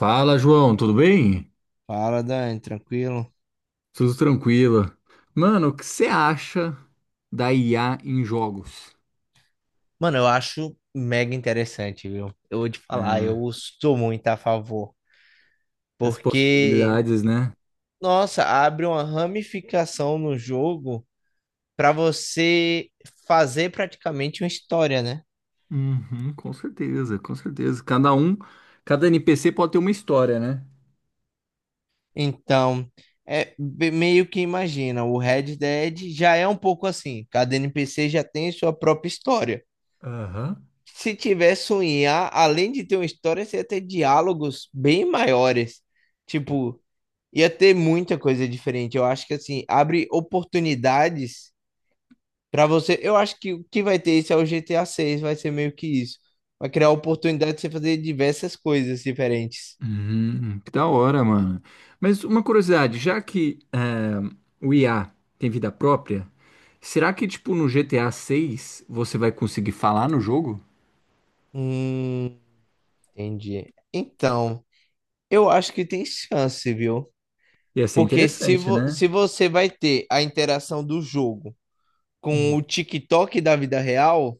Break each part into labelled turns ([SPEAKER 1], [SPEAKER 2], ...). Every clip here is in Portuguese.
[SPEAKER 1] Fala, João, tudo bem?
[SPEAKER 2] Fala, Dani, tranquilo?
[SPEAKER 1] Tudo tranquilo. Mano, o que você acha da IA em jogos?
[SPEAKER 2] Mano, eu acho mega interessante, viu? Eu vou te
[SPEAKER 1] É,
[SPEAKER 2] falar, eu sou muito a favor.
[SPEAKER 1] as
[SPEAKER 2] Porque,
[SPEAKER 1] possibilidades, né?
[SPEAKER 2] nossa, abre uma ramificação no jogo pra você fazer praticamente uma história, né?
[SPEAKER 1] Uhum, com certeza, com certeza. Cada um, cada NPC pode ter uma história, né?
[SPEAKER 2] Então, meio que imagina, o Red Dead já é um pouco assim. Cada NPC já tem sua própria história.
[SPEAKER 1] Aham.
[SPEAKER 2] Se tivesse um IA, além de ter uma história, você ia ter diálogos bem maiores. Tipo. Ia ter muita coisa diferente. Eu acho que assim, abre oportunidades pra você. Eu acho que o que vai ter isso é o GTA seis vai ser meio que isso. Vai criar oportunidade de você fazer diversas coisas diferentes.
[SPEAKER 1] Uhum, que da hora, mano. Mas uma curiosidade, já que é, o IA tem vida própria, será que, tipo, no GTA 6 você vai conseguir falar no jogo?
[SPEAKER 2] Hum, entendi. Então, eu acho que tem chance, viu?
[SPEAKER 1] Ia ser
[SPEAKER 2] Porque se,
[SPEAKER 1] interessante,
[SPEAKER 2] vo
[SPEAKER 1] né?
[SPEAKER 2] se você vai ter a interação do jogo com
[SPEAKER 1] Hum,
[SPEAKER 2] o TikTok da vida real,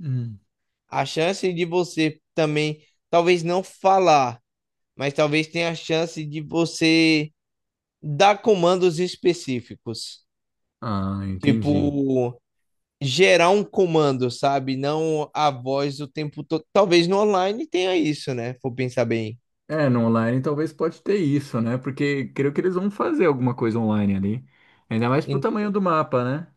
[SPEAKER 1] hum.
[SPEAKER 2] a chance de você também, talvez não falar, mas talvez tenha a chance de você dar comandos específicos.
[SPEAKER 1] Ah, entendi.
[SPEAKER 2] Tipo, gerar um comando, sabe? Não a voz o tempo todo. Talvez no online tenha isso, né? Vou pensar bem.
[SPEAKER 1] É, no online talvez pode ter isso, né? Porque creio que eles vão fazer alguma coisa online ali. Ainda mais pro
[SPEAKER 2] Em
[SPEAKER 1] tamanho do mapa, né?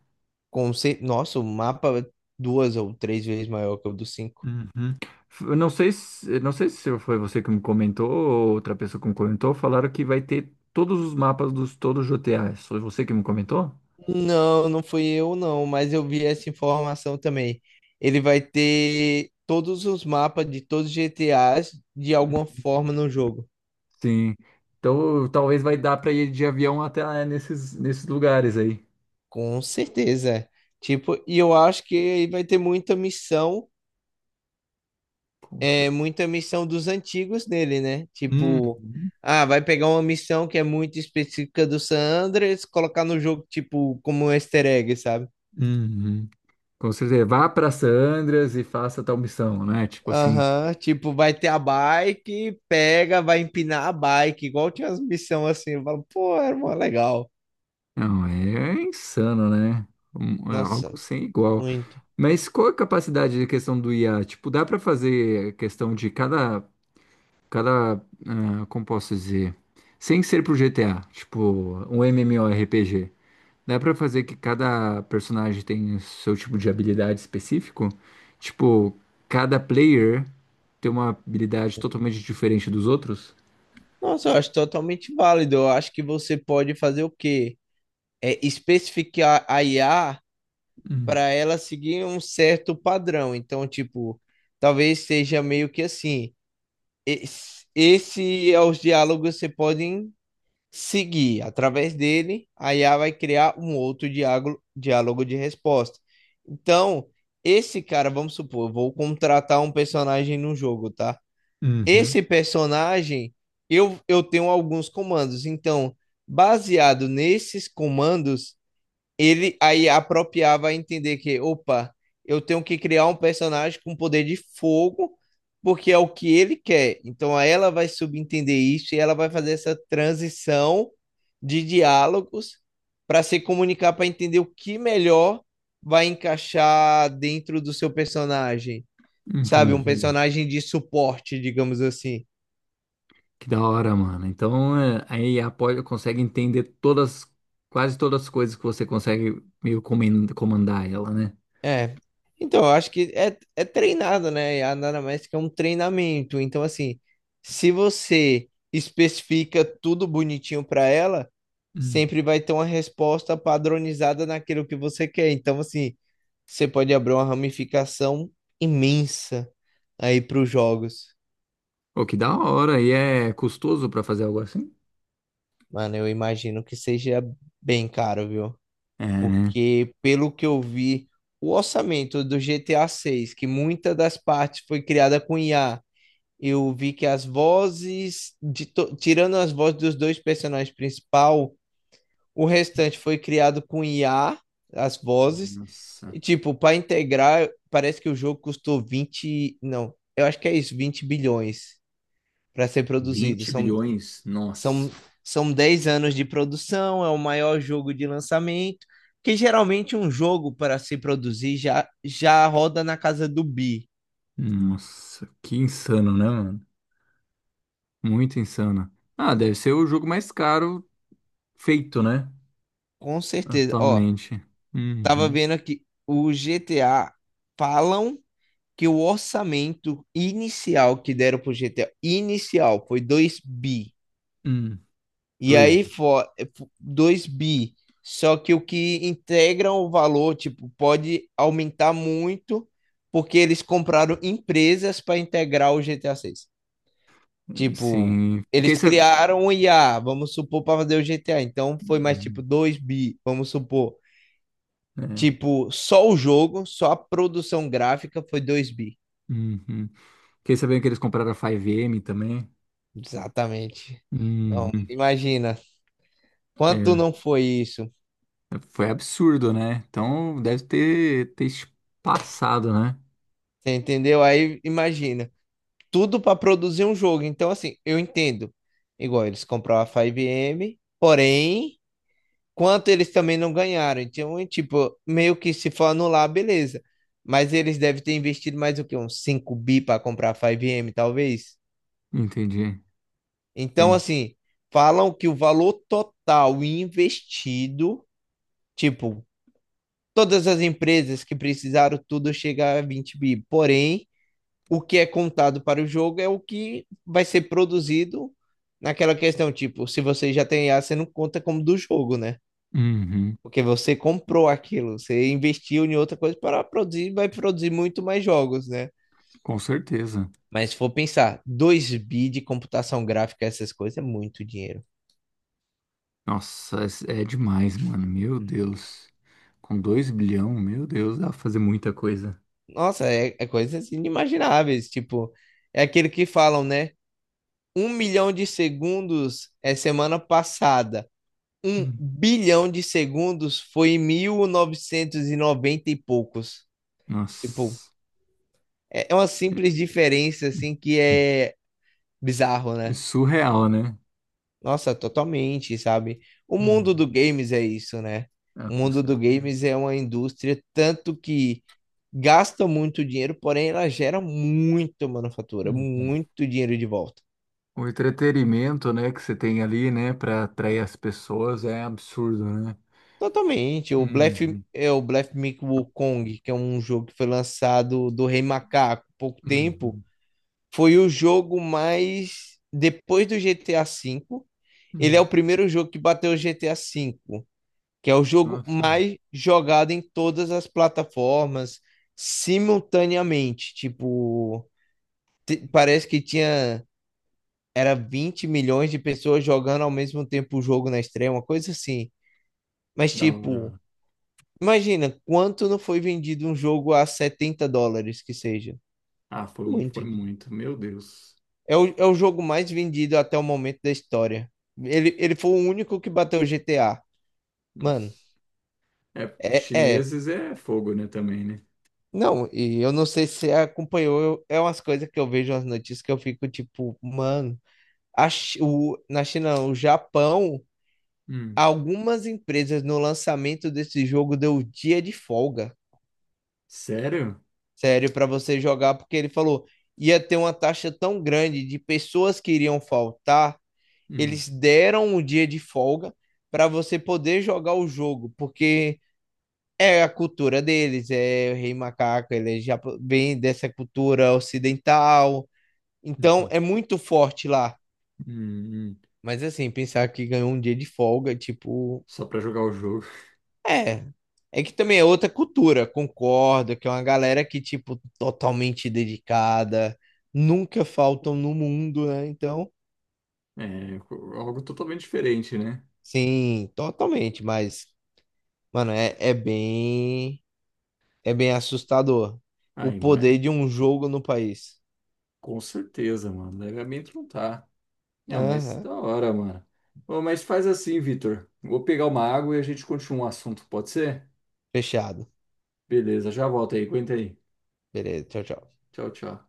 [SPEAKER 2] Nossa, o mapa é duas ou três vezes maior que o do 5.
[SPEAKER 1] Uhum. Eu não sei se, não sei se foi você que me comentou ou outra pessoa que me comentou, falaram que vai ter todos os mapas dos todos os GTAs. Foi você que me comentou?
[SPEAKER 2] Não, não fui eu, não, mas eu vi essa informação também. Ele vai ter todos os mapas de todos os GTAs de alguma forma no jogo.
[SPEAKER 1] Sim. Então talvez vai dar para ir de avião até lá é, nesses, nesses lugares aí.
[SPEAKER 2] Com certeza. É. Tipo, e eu acho que ele vai ter muita missão
[SPEAKER 1] Com
[SPEAKER 2] é
[SPEAKER 1] cer-
[SPEAKER 2] muita missão dos antigos nele, né?
[SPEAKER 1] Uhum.
[SPEAKER 2] Tipo, ah, vai pegar uma missão que é muito específica do San Andreas, colocar no jogo, tipo, como um easter egg, sabe?
[SPEAKER 1] Uhum. Com certeza. Vá para Sandras e faça tal missão, né? Tipo assim.
[SPEAKER 2] Aham, tipo, vai ter a bike, pega, vai empinar a bike, igual tinha as missões assim. Eu falo, pô, era mó legal.
[SPEAKER 1] Não, é insano, né? É algo
[SPEAKER 2] Nossa,
[SPEAKER 1] sem igual.
[SPEAKER 2] muito.
[SPEAKER 1] Mas qual é a capacidade de questão do IA? Tipo, dá pra fazer questão de cada, cada, ah, como posso dizer, sem ser pro GTA, tipo, um MMORPG. Dá pra fazer que cada personagem tem o seu tipo de habilidade específico? Tipo, cada player tem uma habilidade totalmente diferente dos outros?
[SPEAKER 2] Nossa, eu acho totalmente válido. Eu acho que você pode fazer o quê? É especificar a IA
[SPEAKER 1] Hum.
[SPEAKER 2] para ela seguir um certo padrão. Então, tipo, talvez seja meio que assim, esse é os diálogos que você podem seguir através dele, a IA vai criar um outro diálogo, diálogo de resposta. Então, esse cara, vamos supor, eu vou contratar um personagem no jogo, tá?
[SPEAKER 1] Uhum,
[SPEAKER 2] Esse personagem, eu tenho alguns comandos. Então, baseado nesses comandos, ele aí apropriava a vai entender que, opa, eu tenho que criar um personagem com poder de fogo, porque é o que ele quer. Então aí ela vai subentender isso e ela vai fazer essa transição de diálogos para se comunicar, para entender o que melhor vai encaixar dentro do seu personagem, sabe? Um
[SPEAKER 1] entendi.
[SPEAKER 2] personagem de suporte, digamos assim.
[SPEAKER 1] Que da hora, mano. Então, é, a IA pode, consegue entender todas, quase todas as coisas que você consegue meio comandar ela, né?
[SPEAKER 2] É. Então, eu acho que é treinado, né? E a anamnésica é um treinamento. Então, assim, se você especifica tudo bonitinho para ela,
[SPEAKER 1] Hum.
[SPEAKER 2] sempre vai ter uma resposta padronizada naquilo que você quer. Então, assim, você pode abrir uma ramificação imensa aí para os jogos.
[SPEAKER 1] Pô, que da hora. E é custoso pra fazer algo assim?
[SPEAKER 2] Mano, eu imagino que seja bem caro, viu?
[SPEAKER 1] É, né?
[SPEAKER 2] Porque, pelo que eu vi, o orçamento do GTA 6, que muita das partes foi criada com IA, eu vi que as vozes, tirando as vozes dos dois personagens principal, o restante foi criado com IA, as vozes.
[SPEAKER 1] Nossa.
[SPEAKER 2] E, tipo, para integrar, parece que o jogo custou vinte, não, eu acho que é isso, 20 bilhões para ser produzido.
[SPEAKER 1] vinte bilhões?
[SPEAKER 2] São,
[SPEAKER 1] Nossa.
[SPEAKER 2] são 10 anos de produção, é o maior jogo de lançamento. Que geralmente um jogo para se produzir já roda na casa do bi,
[SPEAKER 1] Nossa, que insano, né, mano? Muito insano. Ah, deve ser o jogo mais caro feito, né?
[SPEAKER 2] com certeza. Ó,
[SPEAKER 1] Atualmente.
[SPEAKER 2] tava
[SPEAKER 1] Uhum.
[SPEAKER 2] vendo aqui, o GTA falam que o orçamento inicial que deram pro GTA, inicial, foi 2 bi.
[SPEAKER 1] Hum.
[SPEAKER 2] E
[SPEAKER 1] Dois.
[SPEAKER 2] aí foi 2 bi. Só que o que integram o valor, tipo, pode aumentar muito, porque eles compraram empresas para integrar o GTA 6. Tipo,
[SPEAKER 1] Sim. Fiquei
[SPEAKER 2] eles criaram o IA, vamos supor, para fazer o GTA. Então foi mais tipo
[SPEAKER 1] sabendo.
[SPEAKER 2] 2 bi, vamos supor. Tipo, só o jogo, só a produção gráfica foi 2 bi.
[SPEAKER 1] Uhum. Fiquei sabendo que eles compraram a 5M também.
[SPEAKER 2] Exatamente. Então,
[SPEAKER 1] Uhum.
[SPEAKER 2] imagina,
[SPEAKER 1] É,
[SPEAKER 2] quanto não foi isso?
[SPEAKER 1] foi absurdo, né? Então deve ter, ter passado, né?
[SPEAKER 2] Você entendeu? Aí, imagina, tudo para produzir um jogo. Então, assim, eu entendo. Igual eles compraram a 5M, porém, quanto eles também não ganharam. Então, é tipo, meio que se for anular, beleza. Mas eles devem ter investido mais o quê? Uns 5 bi para comprar a 5M, talvez?
[SPEAKER 1] Entendi.
[SPEAKER 2] Então,
[SPEAKER 1] Entendi.
[SPEAKER 2] assim, falam que o valor total investido, tipo, todas as empresas que precisaram tudo chega a 20 bi. Porém, o que é contado para o jogo é o que vai ser produzido naquela questão, tipo, se você já tem IA, você não conta como do jogo, né?
[SPEAKER 1] Uhum.
[SPEAKER 2] Porque você comprou aquilo, você investiu em outra coisa para produzir, vai produzir muito mais jogos, né?
[SPEAKER 1] Com certeza.
[SPEAKER 2] Mas se for pensar, 2 bi de computação gráfica, essas coisas, é muito dinheiro.
[SPEAKER 1] Nossa, é é demais, mano. Meu Deus. Com 2 bilhão, meu Deus, dá pra fazer muita coisa.
[SPEAKER 2] Nossa, é coisas inimagináveis. Tipo, é aquele que falam, né? Um milhão de segundos é semana passada. Um
[SPEAKER 1] Hum.
[SPEAKER 2] bilhão de segundos foi em 1990 e noventa e poucos. Tipo,
[SPEAKER 1] Nossa.
[SPEAKER 2] é uma
[SPEAKER 1] É
[SPEAKER 2] simples diferença, assim, que
[SPEAKER 1] é
[SPEAKER 2] é bizarro,
[SPEAKER 1] é
[SPEAKER 2] né?
[SPEAKER 1] surreal, né?
[SPEAKER 2] Nossa, totalmente, sabe? O
[SPEAKER 1] Uhum.
[SPEAKER 2] mundo do games é isso, né?
[SPEAKER 1] Ah,
[SPEAKER 2] O
[SPEAKER 1] com
[SPEAKER 2] mundo do
[SPEAKER 1] certeza.
[SPEAKER 2] games é uma indústria tanto que gasta muito dinheiro, porém ela gera muito manufatura,
[SPEAKER 1] Uhum.
[SPEAKER 2] muito dinheiro de volta.
[SPEAKER 1] O entretenimento, né, que você tem ali, né, para atrair as pessoas é absurdo, né?
[SPEAKER 2] Totalmente. O Bluff,
[SPEAKER 1] Uhum,
[SPEAKER 2] é o Bluff Meet Wukong, que é um jogo que foi lançado do Rei Macaco há pouco tempo,
[SPEAKER 1] uhum,
[SPEAKER 2] foi o jogo mais depois do GTA V. Ele é
[SPEAKER 1] uhum.
[SPEAKER 2] o primeiro jogo que bateu o GTA V, que é o jogo
[SPEAKER 1] Nossa,
[SPEAKER 2] mais jogado em todas as plataformas simultaneamente. Tipo, parece que tinha, era 20 milhões de pessoas jogando ao mesmo tempo o jogo na estreia, uma coisa assim.
[SPEAKER 1] que
[SPEAKER 2] Mas,
[SPEAKER 1] da hora,
[SPEAKER 2] tipo,
[SPEAKER 1] mano.
[SPEAKER 2] imagina quanto não foi vendido um jogo a 70 dólares que seja.
[SPEAKER 1] Ah, foi,
[SPEAKER 2] Muito.
[SPEAKER 1] foi muito, meu Deus.
[SPEAKER 2] É é o jogo mais vendido até o momento da história. Ele foi o único que bateu o GTA. Mano,
[SPEAKER 1] Nossa. É,
[SPEAKER 2] é, é
[SPEAKER 1] chineses é fogo, né, também, né?
[SPEAKER 2] Não, e eu não sei se você acompanhou, é umas coisas que eu vejo nas notícias que eu fico tipo, mano, na China, não, o Japão,
[SPEAKER 1] Hum.
[SPEAKER 2] algumas empresas no lançamento desse jogo deu dia de folga,
[SPEAKER 1] Sério?
[SPEAKER 2] sério, pra você jogar, porque ele falou, ia ter uma taxa tão grande de pessoas que iriam faltar,
[SPEAKER 1] Hum,
[SPEAKER 2] eles deram um dia de folga pra você poder jogar o jogo, porque é a cultura deles, é o Rei Macaco, ele é bem dessa cultura ocidental. Então
[SPEAKER 1] entendi.
[SPEAKER 2] é muito forte lá.
[SPEAKER 1] Hum, hum.
[SPEAKER 2] Mas assim, pensar que ganhou um dia de folga, tipo,
[SPEAKER 1] Só pra jogar o jogo.
[SPEAKER 2] é. É que também é outra cultura, concordo, que é uma galera que, tipo, totalmente dedicada, nunca faltam no mundo, né? Então,
[SPEAKER 1] Algo totalmente diferente, né?
[SPEAKER 2] sim, totalmente, mas, mano, é bem, é bem assustador o
[SPEAKER 1] Ai, mas
[SPEAKER 2] poder de um jogo no país.
[SPEAKER 1] com certeza, mano. Levemente não tá. Não, mas
[SPEAKER 2] Aham.
[SPEAKER 1] da hora, mano. Ô, mas faz assim, Vitor. Vou pegar uma água e a gente continua o assunto, pode ser?
[SPEAKER 2] Fechado.
[SPEAKER 1] Beleza, já volto aí. Aguenta aí.
[SPEAKER 2] Beleza, tchau, tchau.
[SPEAKER 1] Tchau, tchau.